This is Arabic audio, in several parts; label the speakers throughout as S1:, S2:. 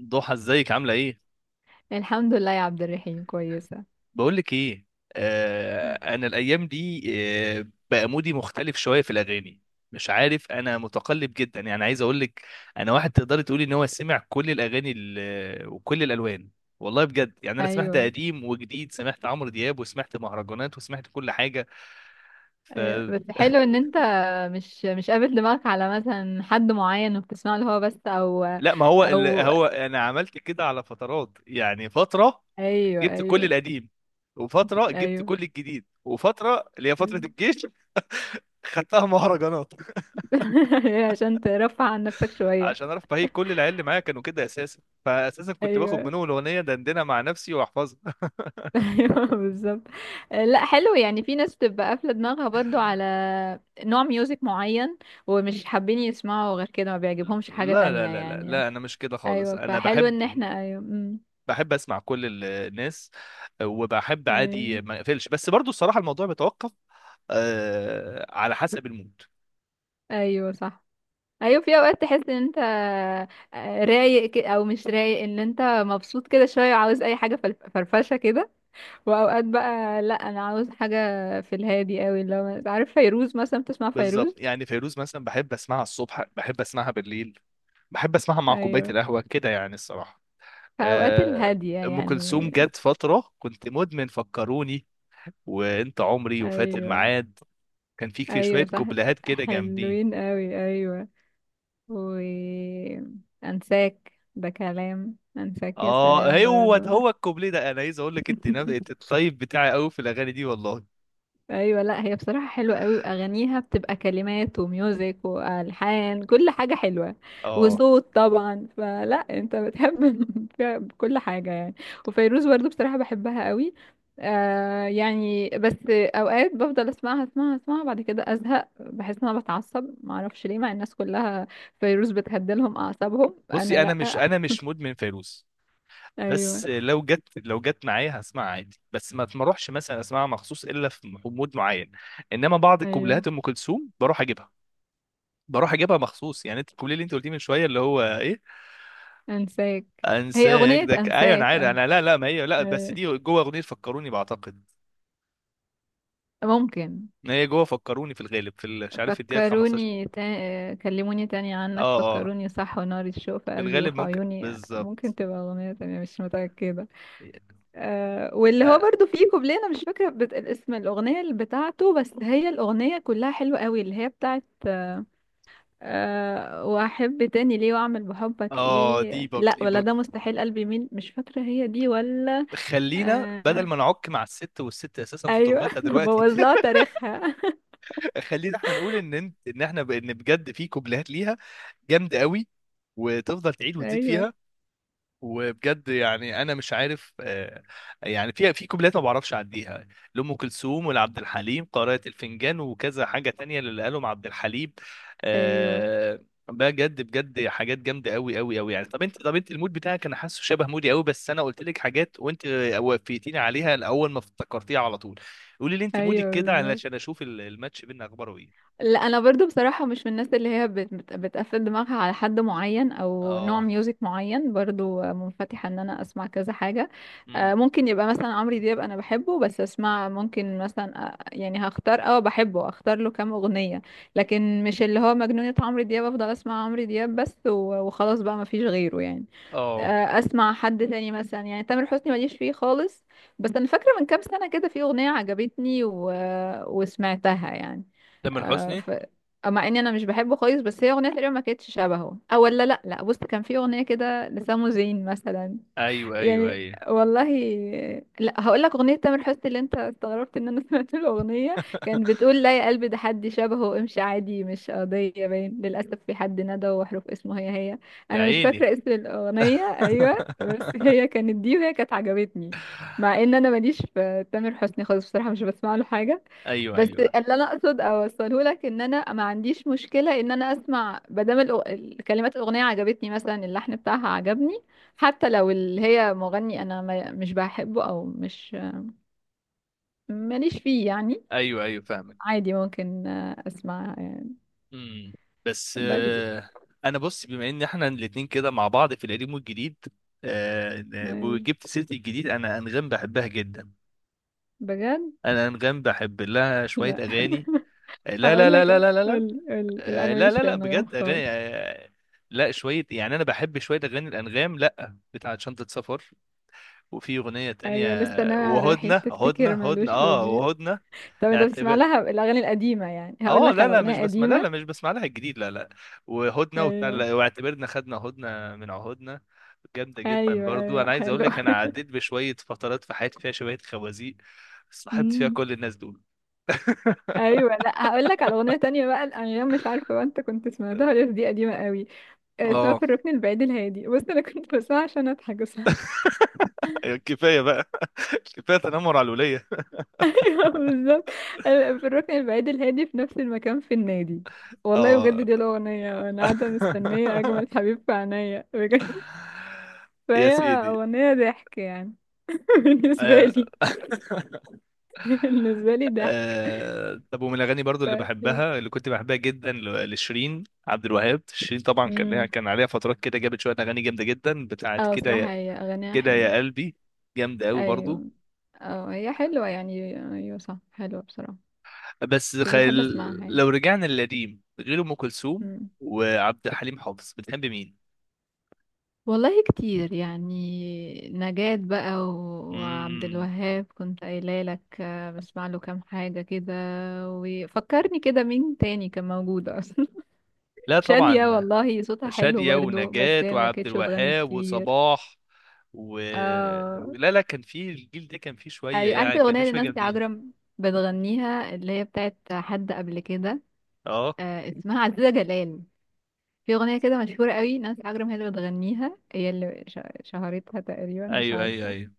S1: ضحى، ازيك؟ عاملة ايه؟
S2: الحمد لله يا عبد الرحيم، كويسة.
S1: بقولك ايه؟ انا الايام دي، بقى مودي مختلف شوية في الاغاني. مش عارف، انا متقلب جدا، يعني عايز اقولك، انا واحد تقدري تقولي ان هو سمع كل وكل الالوان. والله بجد يعني انا سمعت
S2: ايوه،
S1: قديم وجديد، سمعت عمرو دياب وسمعت مهرجانات وسمعت كل حاجة. ف
S2: ايوه بس حلو ان انت مش قابل دماغك على مثلا حد معين وبتسمع له هو بس، او
S1: لا، ما هو ال...
S2: او
S1: هو انا عملت كده على فترات، يعني فترة
S2: ايوه،
S1: جبت كل
S2: ايوه،
S1: القديم، وفترة جبت
S2: ايوه.
S1: كل الجديد، وفترة اللي هي فترة الجيش خدتها مهرجانات
S2: عشان ترفع عن نفسك شوية.
S1: عشان اعرف. فهي كل العيال اللي معايا كانوا كده اساسا، فاساسا كنت باخد
S2: ايوه.
S1: منهم الاغنيه دندنها مع نفسي واحفظها.
S2: ايوه بالظبط. لا، حلو يعني. في ناس بتبقى قافلة دماغها برضو على نوع ميوزك معين، ومش حابين يسمعوا غير كده، ما بيعجبهمش
S1: لا
S2: حاجة
S1: لا
S2: تانية
S1: لا لا
S2: يعني.
S1: لا، انا مش كده خالص،
S2: ايوه،
S1: انا
S2: فحلو
S1: بحب
S2: ان احنا، ايوه.
S1: بحب اسمع كل الناس، وبحب
S2: ايوه،
S1: عادي ما اقفلش، بس برضو الصراحه الموضوع بيتوقف آه على حسب المود.
S2: ايوه صح. ايوه، في اوقات تحس ان انت رايق، او مش رايق، ان انت مبسوط كده شويه وعاوز اي حاجه فرفشه كده. واوقات بقى لا، انا عاوز حاجه في الهادي قوي، اللي هو عارف فيروز مثلا، بتسمع فيروز.
S1: بالظبط، يعني فيروز مثلا بحب اسمعها الصبح، بحب اسمعها بالليل، بحب اسمعها مع كوبايه
S2: ايوه،
S1: القهوه كده يعني الصراحه.
S2: فاوقات
S1: آه
S2: الهاديه
S1: ام
S2: يعني.
S1: كلثوم جت فتره كنت مدمن فكروني وانت عمري وفات
S2: ايوه،
S1: الميعاد، كان في شويه
S2: ايوه صح،
S1: كوبلهات كده جامدين.
S2: حلوين قوي، ايوه. و انساك ده كلام. انساك، يا سلام،
S1: اه، هو ده،
S2: برضو.
S1: هو الكوبليه ده انا عايز اقول لك، انت انت الطيب بتاعي قوي في الاغاني دي والله.
S2: ايوه، لا هي بصراحه حلوه قوي، اغانيها بتبقى كلمات وميوزك والحان، كل حاجه حلوه.
S1: اه
S2: وصوت طبعا، فلا انت بتحب فيها كل حاجه يعني. وفيروز برضو بصراحه بحبها قوي. آه يعني، بس اوقات بفضل اسمعها اسمعها اسمعها بعد كده ازهق. بحس ان انا بتعصب، ما اعرفش ليه. مع الناس كلها فيروز بتهدلهم اعصابهم، انا
S1: بصي، انا مش
S2: لا.
S1: انا مش مدمن فيروز،
S2: ايوه،
S1: بس لو جت معايا هسمعها عادي، بس ما تروحش مثلا اسمعها مخصوص الا في مود معين. انما بعض
S2: ايوه،
S1: الكوبلهات ام كلثوم بروح اجيبها مخصوص يعني، انت الكوبليه اللي انت قلتيه من شويه اللي هو ايه.
S2: انساك. هي
S1: انساك
S2: اغنيه
S1: ده ايوه انا
S2: انساك،
S1: عارف،
S2: آه.
S1: انا لا لا، ما هي لا، بس
S2: أيوة.
S1: دي جوه اغنيه فكروني بعتقد.
S2: ممكن.
S1: ما هي جوه فكروني في الغالب في مش عارف الدقيقه 15.
S2: كلموني تاني عنك،
S1: اه اه،
S2: فكروني، صح، ونار الشوق في
S1: في
S2: قلبي
S1: الغالب
S2: وفي
S1: ممكن
S2: عيوني. ممكن
S1: بالظبط.
S2: تبقى أغنية تانية، مش متأكدة. أه، واللي هو
S1: اه.
S2: برضو فيه كوبليه، أنا مش فاكرة اسم الأغنية اللي بتاعته، بس هي الأغنية كلها حلوة قوي، اللي هي بتاعت أه وأحب تاني ليه، وأعمل بحبك
S1: آه، دي
S2: إيه،
S1: بق...
S2: لا، ولا
S1: بق...
S2: ده مستحيل قلبي مين. مش فاكرة هي دي ولا.
S1: خلينا بدل
S2: أه.
S1: ما نعك مع الست، والست اساسا في
S2: أيوة.
S1: تربتها
S2: أنا
S1: دلوقتي
S2: بوظ لها تاريخها.
S1: خلينا احنا نقول ان احنا ان بجد في كوبليهات ليها جامده قوي، وتفضل تعيد وتزيد
S2: أيوة.
S1: فيها. وبجد يعني انا مش عارف، يعني في كوبلات ما بعرفش اعديها لام كلثوم ولعبد الحليم، قارئة الفنجان وكذا حاجه تانية اللي قالهم عبد الحليم.
S2: أيوة،
S1: آه، بجد بجد حاجات جامده قوي قوي قوي يعني. طب انت المود بتاعك، انا حاسه شبه مودي قوي، بس انا قلت لك حاجات وانت وفيتيني عليها الاول، ما افتكرتيها على طول. قولي لي انت مودك
S2: أيوة
S1: كده
S2: بالظبط.
S1: علشان اشوف الماتش بينا اخباره ايه.
S2: لا انا برضو بصراحه مش من الناس اللي هي بتقفل دماغها على حد معين او نوع
S1: اه.
S2: ميوزك معين. برضو منفتحه ان انا اسمع كذا حاجه.
S1: امم.
S2: ممكن يبقى مثلا عمرو دياب، انا بحبه بس اسمع ممكن مثلا، يعني هختار، بحبه اختار له كام اغنيه. لكن مش اللي هو مجنونه عمرو دياب افضل اسمع عمرو دياب بس، وخلاص بقى، ما فيش غيره يعني.
S1: اه.
S2: اسمع حد تاني مثلا، يعني تامر حسني ماليش فيه خالص. بس انا فاكره من كام سنه كده في اغنيه عجبتني وسمعتها يعني.
S1: تامر
S2: آه،
S1: حسني.
S2: ف... مع اني انا مش بحبه خالص، بس هي اغنيه تقريبا ما كانتش شبهه، او ولا، لا، لا، بص، كان في اغنيه كده لسامو زين مثلا،
S1: ايوه ايوه
S2: يعني،
S1: ايوه.
S2: والله. لا، هقول لك اغنيه تامر حسني اللي انت استغربت ان انا سمعت الاغنيه، كانت بتقول لا يا قلبي ده حد شبهه، امشي عادي مش قضيه، باين للاسف في حد ندى، وحروف اسمه هي هي.
S1: يا
S2: انا مش
S1: عيني.
S2: فاكره اسم الاغنيه، ايوه، بس هي كانت دي وهي كانت عجبتني. مع ان انا ماليش في تامر حسني خالص بصراحه، مش بسمع له حاجه.
S1: ايوه
S2: بس
S1: ايوه
S2: اللي انا اقصد اوصله لك، ان انا ما عنديش مشكله ان انا اسمع، ما دام كلمات الاغنيه عجبتني، مثلا اللحن بتاعها عجبني، حتى لو اللي هي مغني انا ما مش بحبه، او مش ماليش فيه يعني.
S1: ايوه ايوه، فاهمك.
S2: عادي ممكن، اسمع يعني.
S1: امم. بس
S2: بس
S1: انا بص بما ان احنا الاتنين كده مع بعض في القديم والجديد. آه،
S2: أيوة.
S1: وجبت سيره الجديد، انا انغام بحبها جدا.
S2: بجد.
S1: انا انغام بحب لها شويه
S2: لا،
S1: اغاني. لا لا
S2: اقول
S1: لا
S2: لك،
S1: لا لا لا لا.
S2: قول قول، لا انا
S1: لا
S2: ماليش في
S1: لا لا
S2: الانغام
S1: بجد
S2: خالص.
S1: اغاني. لا شويه يعني، انا بحب شويه اغاني الانغام، لا بتاعت شنطه سفر، وفي اغنيه تانية،
S2: ايوه، لسه ناوي على الرحيل
S1: وهدنه هدنه
S2: تفتكر
S1: هدنه.
S2: مالوش
S1: اه
S2: بديل.
S1: وهدنه.
S2: طب انت بتسمع لها الاغاني القديمه يعني؟ هقول
S1: اه
S2: لك
S1: لا
S2: على
S1: لا مش
S2: اغنيه
S1: بسمع، لا لا
S2: قديمه.
S1: مش بسمع لها الجديد، لا لا. وهدنه وبتاع،
S2: ايوه،
S1: لا، واعتبرنا خدنا هدنه من عهودنا، جامده جدا
S2: ايوه،
S1: برضو.
S2: ايوه،
S1: انا عايز اقول
S2: حلو.
S1: لك، انا عديت بشويه فترات في حياتي فيها شويه خوازيق، صاحبت فيها
S2: أمم.
S1: كل الناس دول.
S2: ايوه، لا هقول لك على اغنيه تانية بقى الانغام، مش عارفه بقى انت كنت سمعتها ولا لأ، دي قديمه قوي، اسمها
S1: اه،
S2: في الركن البعيد الهادي. بص انا كنت بسمعها عشان اضحك بس.
S1: كفايه بقى، كفايه تنمر على الوليه.
S2: أيوة، بالظبط. أنا في الركن البعيد الهادي، في نفس المكان في النادي، والله بجد
S1: اه.
S2: دي الاغنيه، انا قاعده مستنيه اجمل حبيب في عينيا، بجد.
S1: يا
S2: فهي
S1: سيدي.
S2: اغنيه ضحك يعني. بالنسبه
S1: آه.
S2: لي، بالنسبه لي ضحك.
S1: آه طب، ومن الاغاني برضو اللي
S2: ف...
S1: بحبها، اللي كنت بحبها جدا، لشيرين عبد الوهاب. شيرين طبعا كان لها،
S2: امم
S1: كان عليها فترات كده جابت شويه اغاني جامده جدا، بتاعت
S2: اه
S1: كده
S2: بصراحه
S1: يا،
S2: هي اغانيها
S1: كده
S2: حلوه،
S1: يا قلبي، جامده قوي برضو.
S2: ايوه، اه هي حلوه يعني، ايوه صح، حلوه بصراحه،
S1: بس
S2: مش
S1: خل...
S2: بحب اسمعها يعني.
S1: لو رجعنا للقديم غير ام كلثوم
S2: مم.
S1: وعبد الحليم حافظ، بتحب مين؟
S2: والله كتير يعني، نجاة بقى، وعبد
S1: مم.
S2: الوهاب كنت قايله لك، بسمع له كام حاجة كده. وفكرني كده مين تاني كان موجود اصلا؟
S1: لا
S2: شادية،
S1: طبعا،
S2: والله صوتها حلو
S1: شادية
S2: برضو، بس
S1: ونجاة
S2: هي ما
S1: وعبد
S2: كانتش بتغني
S1: الوهاب
S2: كتير.
S1: وصباح و...
S2: اه،
S1: لا لا، كان في الجيل ده كان فيه شويه
S2: ايوه،
S1: يعني،
S2: عارفة
S1: كان
S2: الأغنية
S1: فيه
S2: اللي
S1: شويه
S2: نانسي
S1: جامدين.
S2: عجرم بتغنيها، اللي هي بتاعت حد قبل كده؟
S1: اه.
S2: آه، اسمها عزيزة جلال. في أغنية كده مشهورة قوي نانسي عجرم هي اللي بتغنيها، هي اللي شهرتها تقريبا، مش
S1: ايوه ايوه
S2: عارفة،
S1: ايوه.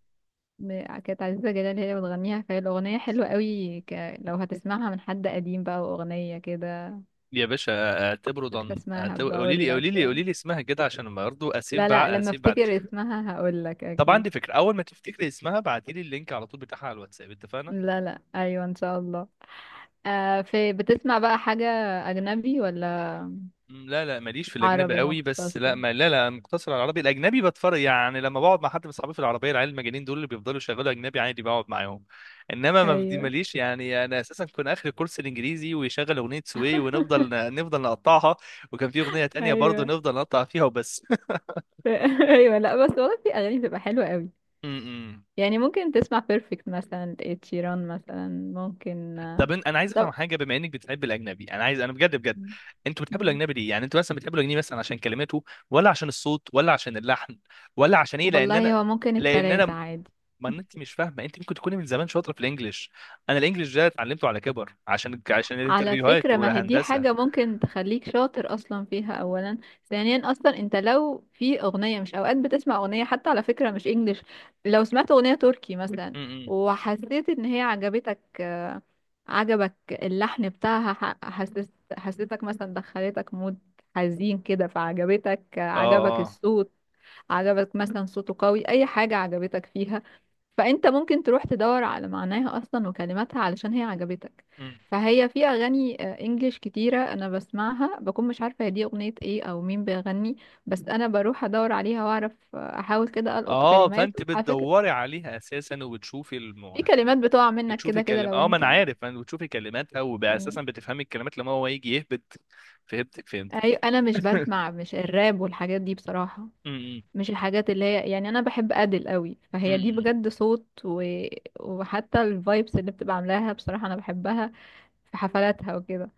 S2: كانت عزيزة جلال هي اللي بتغنيها. فهي الأغنية حلوة قوي، لو هتسمعها من حد قديم بقى، وأغنية كده.
S1: يا باشا، اعتبره
S2: فاكرة
S1: ضن،
S2: اسمها،
S1: قولي
S2: بقول
S1: لي
S2: لك.
S1: قولي لي قولي لي اسمها كده عشان برضه
S2: لا، لا، لما
S1: اسيب بعد.
S2: افتكر اسمها هقول لك
S1: طب
S2: أكيد.
S1: عندي فكره، اول ما تفتكري اسمها ابعتي لي اللينك على طول بتاعها على الواتساب، اتفقنا؟
S2: لا، لا، أيوة إن شاء الله. في بتسمع بقى حاجة أجنبي ولا
S1: مم، لا لا ماليش في الاجنبي
S2: عربي
S1: قوي، بس
S2: مختص؟
S1: لا ما لا لا مقتصر على العربي. الاجنبي بتفرج يعني، لما بقعد مع حد من صحابي في العربيه، العيال المجانين دول اللي بيفضلوا يشغلوا اجنبي عادي بقعد معاهم. انما ما بدي
S2: أيوة.
S1: ماليش يعني، انا اساسا كنت اخر كورس الانجليزي ويشغل اغنيه سوي، ونفضل نقطعها، وكان في اغنيه تانية برضه
S2: أيوة.
S1: نفضل نقطع فيها وبس.
S2: أيوة، لا بس والله في أغاني بتبقى حلوة قوي
S1: م- م.
S2: يعني، ممكن تسمع بيرفكت مثلا لإد شيران مثلا. ممكن،
S1: طب انا عايز افهم
S2: طب.
S1: حاجه، بما انك بتحب الاجنبي، انا بجد بجد، انتوا بتحبوا
S2: مم.
S1: الاجنبي ليه؟ يعني انتوا مثلا بتحبوا الاجنبي مثلا عشان كلماته، ولا عشان الصوت، ولا عشان اللحن، ولا عشان ايه؟ لان انا،
S2: والله هو ممكن
S1: لان
S2: التلاتة
S1: انا
S2: عادي.
S1: ما انت مش فاهمه، انت ممكن تكوني من زمان شاطره في الانجليش، انا الانجليش ده اتعلمته على كبر عشان، عشان
S2: على
S1: الانترفيوهات
S2: فكرة ما هي دي
S1: والهندسه.
S2: حاجة ممكن تخليك شاطر أصلا فيها أولا، ثانيا أصلا أنت لو في أغنية، مش أوقات بتسمع أغنية حتى على فكرة مش إنجليش، لو سمعت أغنية تركي مثلا
S1: امم.
S2: وحسيت إن هي عجبتك، عجبك اللحن بتاعها، حسيت، حسيتك مثلا دخلتك مود حزين كده، فعجبتك،
S1: اه
S2: عجبك
S1: اه.
S2: الصوت، عجبك مثلا صوته قوي، اي حاجة عجبتك فيها، فانت ممكن تروح تدور على معناها اصلا وكلماتها علشان هي عجبتك.
S1: مم.
S2: فهي في اغاني انجليش كتيرة انا بسمعها، بكون مش عارفة هي دي اغنية ايه او مين بيغني. بس انا بروح ادور عليها واعرف، احاول كده القط
S1: اه،
S2: كلمات
S1: فانت
S2: على فكرة.
S1: بتدوري عليها اساسا،
S2: في كلمات بتقع منك
S1: بتشوفي
S2: كده كده لو
S1: اه ما انا
S2: انت،
S1: عارف، بتشوفي كلماتها، واساسا
S2: يعني.
S1: بتفهمي الكلمات لما هو يجي يهبط. فهمتك فهمت.
S2: انا مش
S1: م-
S2: بسمع مش الراب والحاجات دي بصراحة.
S1: م-
S2: مش الحاجات اللي هي يعني. انا بحب ادل قوي، فهي دي
S1: م-
S2: بجد صوت، وحتى الفايبس اللي بتبقى عاملاها بصراحة انا بحبها في حفلاتها وكده.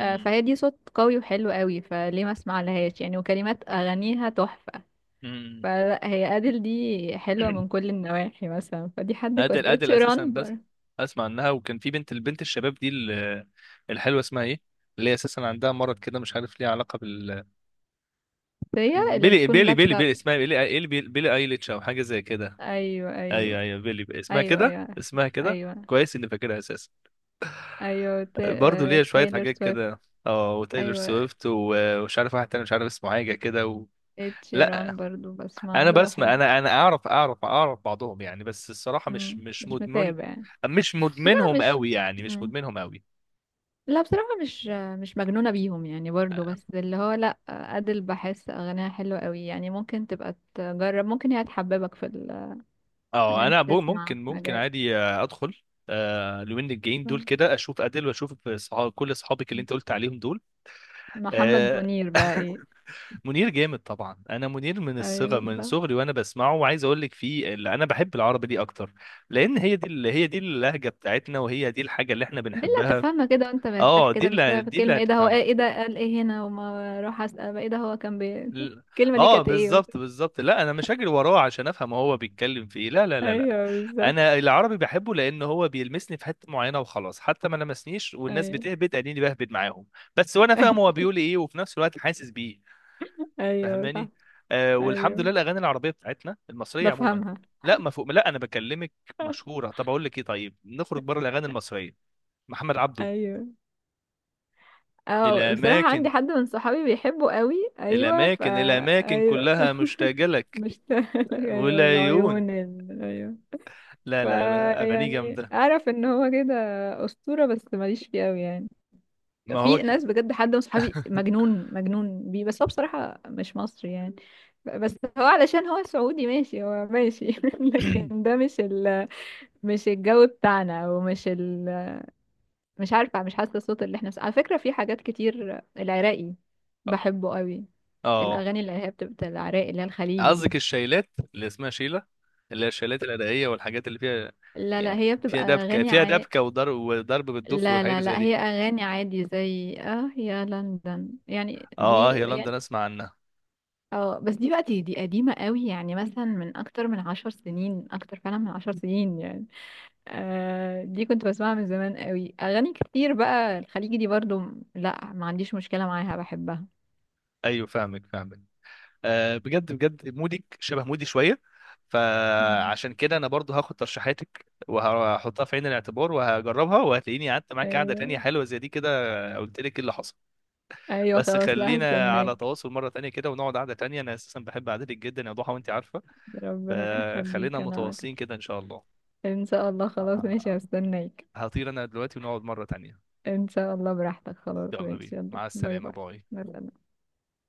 S2: فهي دي صوت قوي وحلو قوي، فليه ما اسمع لهاش يعني؟ وكلمات اغانيها تحفة.
S1: م-.
S2: فلا هي ادل دي حلوة
S1: م.
S2: من كل النواحي مثلا، فدي حد كويس،
S1: ادل اساسا،
S2: اتشيران
S1: بس اسمع عنها. وكان في البنت الشباب دي الحلوه اسمها ايه، اللي هي اساسا عندها مرض كده مش عارف ليه علاقه
S2: هي اللي
S1: بيلي
S2: بتكون
S1: بيلي بيلي
S2: لابسة.
S1: بيلي، اسمها بيلي، إيه بيلي, بيلي ايليتش او حاجه زي كده.
S2: ايوه، ايوه،
S1: ايوه ايوه بيلي بيلي. اسمها
S2: ايوه،
S1: كده،
S2: ايوه، عارفة.
S1: اسمها كده.
S2: ايوه،
S1: كويس اني فاكرها اساسا.
S2: ايوه،
S1: برضه ليها شويه
S2: تايلر
S1: حاجات
S2: سويفت.
S1: كده. اه وتايلور
S2: ايوه،
S1: سويفت ومش عارف واحد تاني مش عارف اسمه حاجه كده لا
S2: اتشيران برضو بسمع
S1: انا
S2: له،
S1: بسمع
S2: بحب.
S1: انا انا اعرف بعضهم يعني، بس الصراحه مش
S2: مم.
S1: مش
S2: مش
S1: مدمن،
S2: متابع.
S1: مش
S2: لا
S1: مدمنهم
S2: مش
S1: قوي يعني، مش
S2: مم.
S1: مدمنهم قوي.
S2: لا بصراحة مش، مش مجنونة بيهم يعني برضو. بس اللي هو لا، أدل بحس أغانيها حلوة قوي يعني، ممكن تبقى تجرب، ممكن هي تحببك في إن
S1: اه
S2: أنت
S1: انا
S2: تسمع
S1: ممكن
S2: حاجات.
S1: عادي ادخل. آه لوين الجايين دول
S2: مم.
S1: كده، اشوف ادل واشوف كل اصحابك اللي انت قلت عليهم دول.
S2: محمد
S1: آه
S2: منير بقى إيه؟
S1: منير جامد طبعا، انا منير
S2: ايوه
S1: من
S2: فاهم.
S1: صغري وانا بسمعه، وعايز اقول لك فيه، اللي انا بحب العربي دي اكتر، لان هي دي، اللهجه بتاعتنا، وهي دي الحاجه اللي احنا
S2: دي اللي
S1: بنحبها.
S2: هتفهمها كده وأنت مرتاح
S1: اه،
S2: كده، مش بقى في
S1: دي اللي
S2: كلمة إيه ده هو،
S1: هتفهم.
S2: إيه إيه ده قال إيه هنا، وما أروح أسأل بقى إيه ده هو كان
S1: ل-
S2: الكلمة دي
S1: اه
S2: كانت إيه.
S1: بالظبط بالظبط، لا انا مش هجري وراه عشان افهم هو بيتكلم في ايه، لا لا لا لا.
S2: ايوه بالظبط.
S1: انا العربي بحبه لان هو بيلمسني في حته معينه وخلاص، حتى ما لمسنيش والناس
S2: أيوه.
S1: بتهبد اني بهبد معاهم، بس وانا فاهم هو بيقول ايه وفي نفس الوقت حاسس بيه.
S2: ايوه صح.
S1: فاهماني؟ والحمد لله
S2: ايوه
S1: الاغاني العربيه بتاعتنا المصريه عموما،
S2: بفهمها.
S1: لا ما فوق لا انا بكلمك مشهوره. طب اقول لك ايه، طيب نخرج بره الاغاني المصريه، محمد عبده.
S2: ايوه، اه بصراحة عندي
S1: الاماكن،
S2: حد من صحابي بيحبه قوي. ايوه
S1: الاماكن الاماكن
S2: ايوه.
S1: كلها مشتاقه لك،
S2: مشتاق، ايوه،
S1: والعيون.
S2: العيون ايوه.
S1: لا لا لا
S2: فا
S1: اغانيه
S2: يعني
S1: جامده.
S2: اعرف ان هو كده اسطورة، بس ماليش فيه قوي يعني.
S1: ما
S2: في
S1: هو
S2: ناس بجد حد من صحابي مجنون مجنون بيه. بس هو بصراحة مش مصري يعني، بس هو علشان هو سعودي، ماشي، هو ماشي. لكن ده مش مش الجو بتاعنا، او مش عارفة، مش حاسة الصوت اللي احنا. بس على فكرة في حاجات كتير العراقي، بحبه قوي.
S1: اه
S2: الأغاني اللي هي بتبقى العراقي، اللي هي الخليجي دي،
S1: قصدك الشيلات اللي اسمها شيله، اللي هي الشيلات الادائيه والحاجات اللي فيها،
S2: لا، لا،
S1: يعني
S2: هي
S1: فيها
S2: بتبقى
S1: دبكه،
S2: أغاني
S1: فيها دبكه وضرب، وضرب بالدف
S2: لا،
S1: والحاجات
S2: لا،
S1: اللي زي
S2: لا،
S1: دي.
S2: هي أغاني عادي زي يا لندن يعني،
S1: اه
S2: دي
S1: اه، يا لندن
S2: يعني.
S1: اسمع عنها.
S2: اه بس دي بقى دي, قديمة قوي يعني، مثلا من أكتر من 10 سنين، أكتر فعلا من 10 سنين يعني. دي كنت بسمعها من زمان قوي. أغاني كتير بقى الخليجي دي برضو، لا ما عنديش مشكلة معاها، بحبها.
S1: ايوه فاهمك فاهمك. آه بجد بجد مودك شبه مودي شويه،
S2: مم.
S1: فعشان كده انا برضو هاخد ترشيحاتك وهحطها في عين الاعتبار وهجربها، وهتلاقيني قعدت معاك قعده تانية حلوه زي دي كده. قلت لك إيه اللي حصل؟
S2: ايوه،
S1: بس
S2: خلاص، لا
S1: خلينا على
S2: هستناك.
S1: تواصل مرة تانية كده، ونقعد قعدة تانية، أنا أساسا بحب قعدتك جدا يا ضحى وأنت عارفة.
S2: ربنا
S1: فخلينا
S2: يخليك، انا
S1: متواصلين
S2: أكتر.
S1: كده إن شاء الله.
S2: ان شاء الله، خلاص
S1: آه،
S2: ماشي، هستناك.
S1: هطير أنا دلوقتي ونقعد مرة تانية.
S2: ان شاء الله براحتك، خلاص
S1: يلا بينا،
S2: ماشي، يلا،
S1: مع
S2: باي
S1: السلامة،
S2: باي.
S1: باي.
S2: مع السلامة.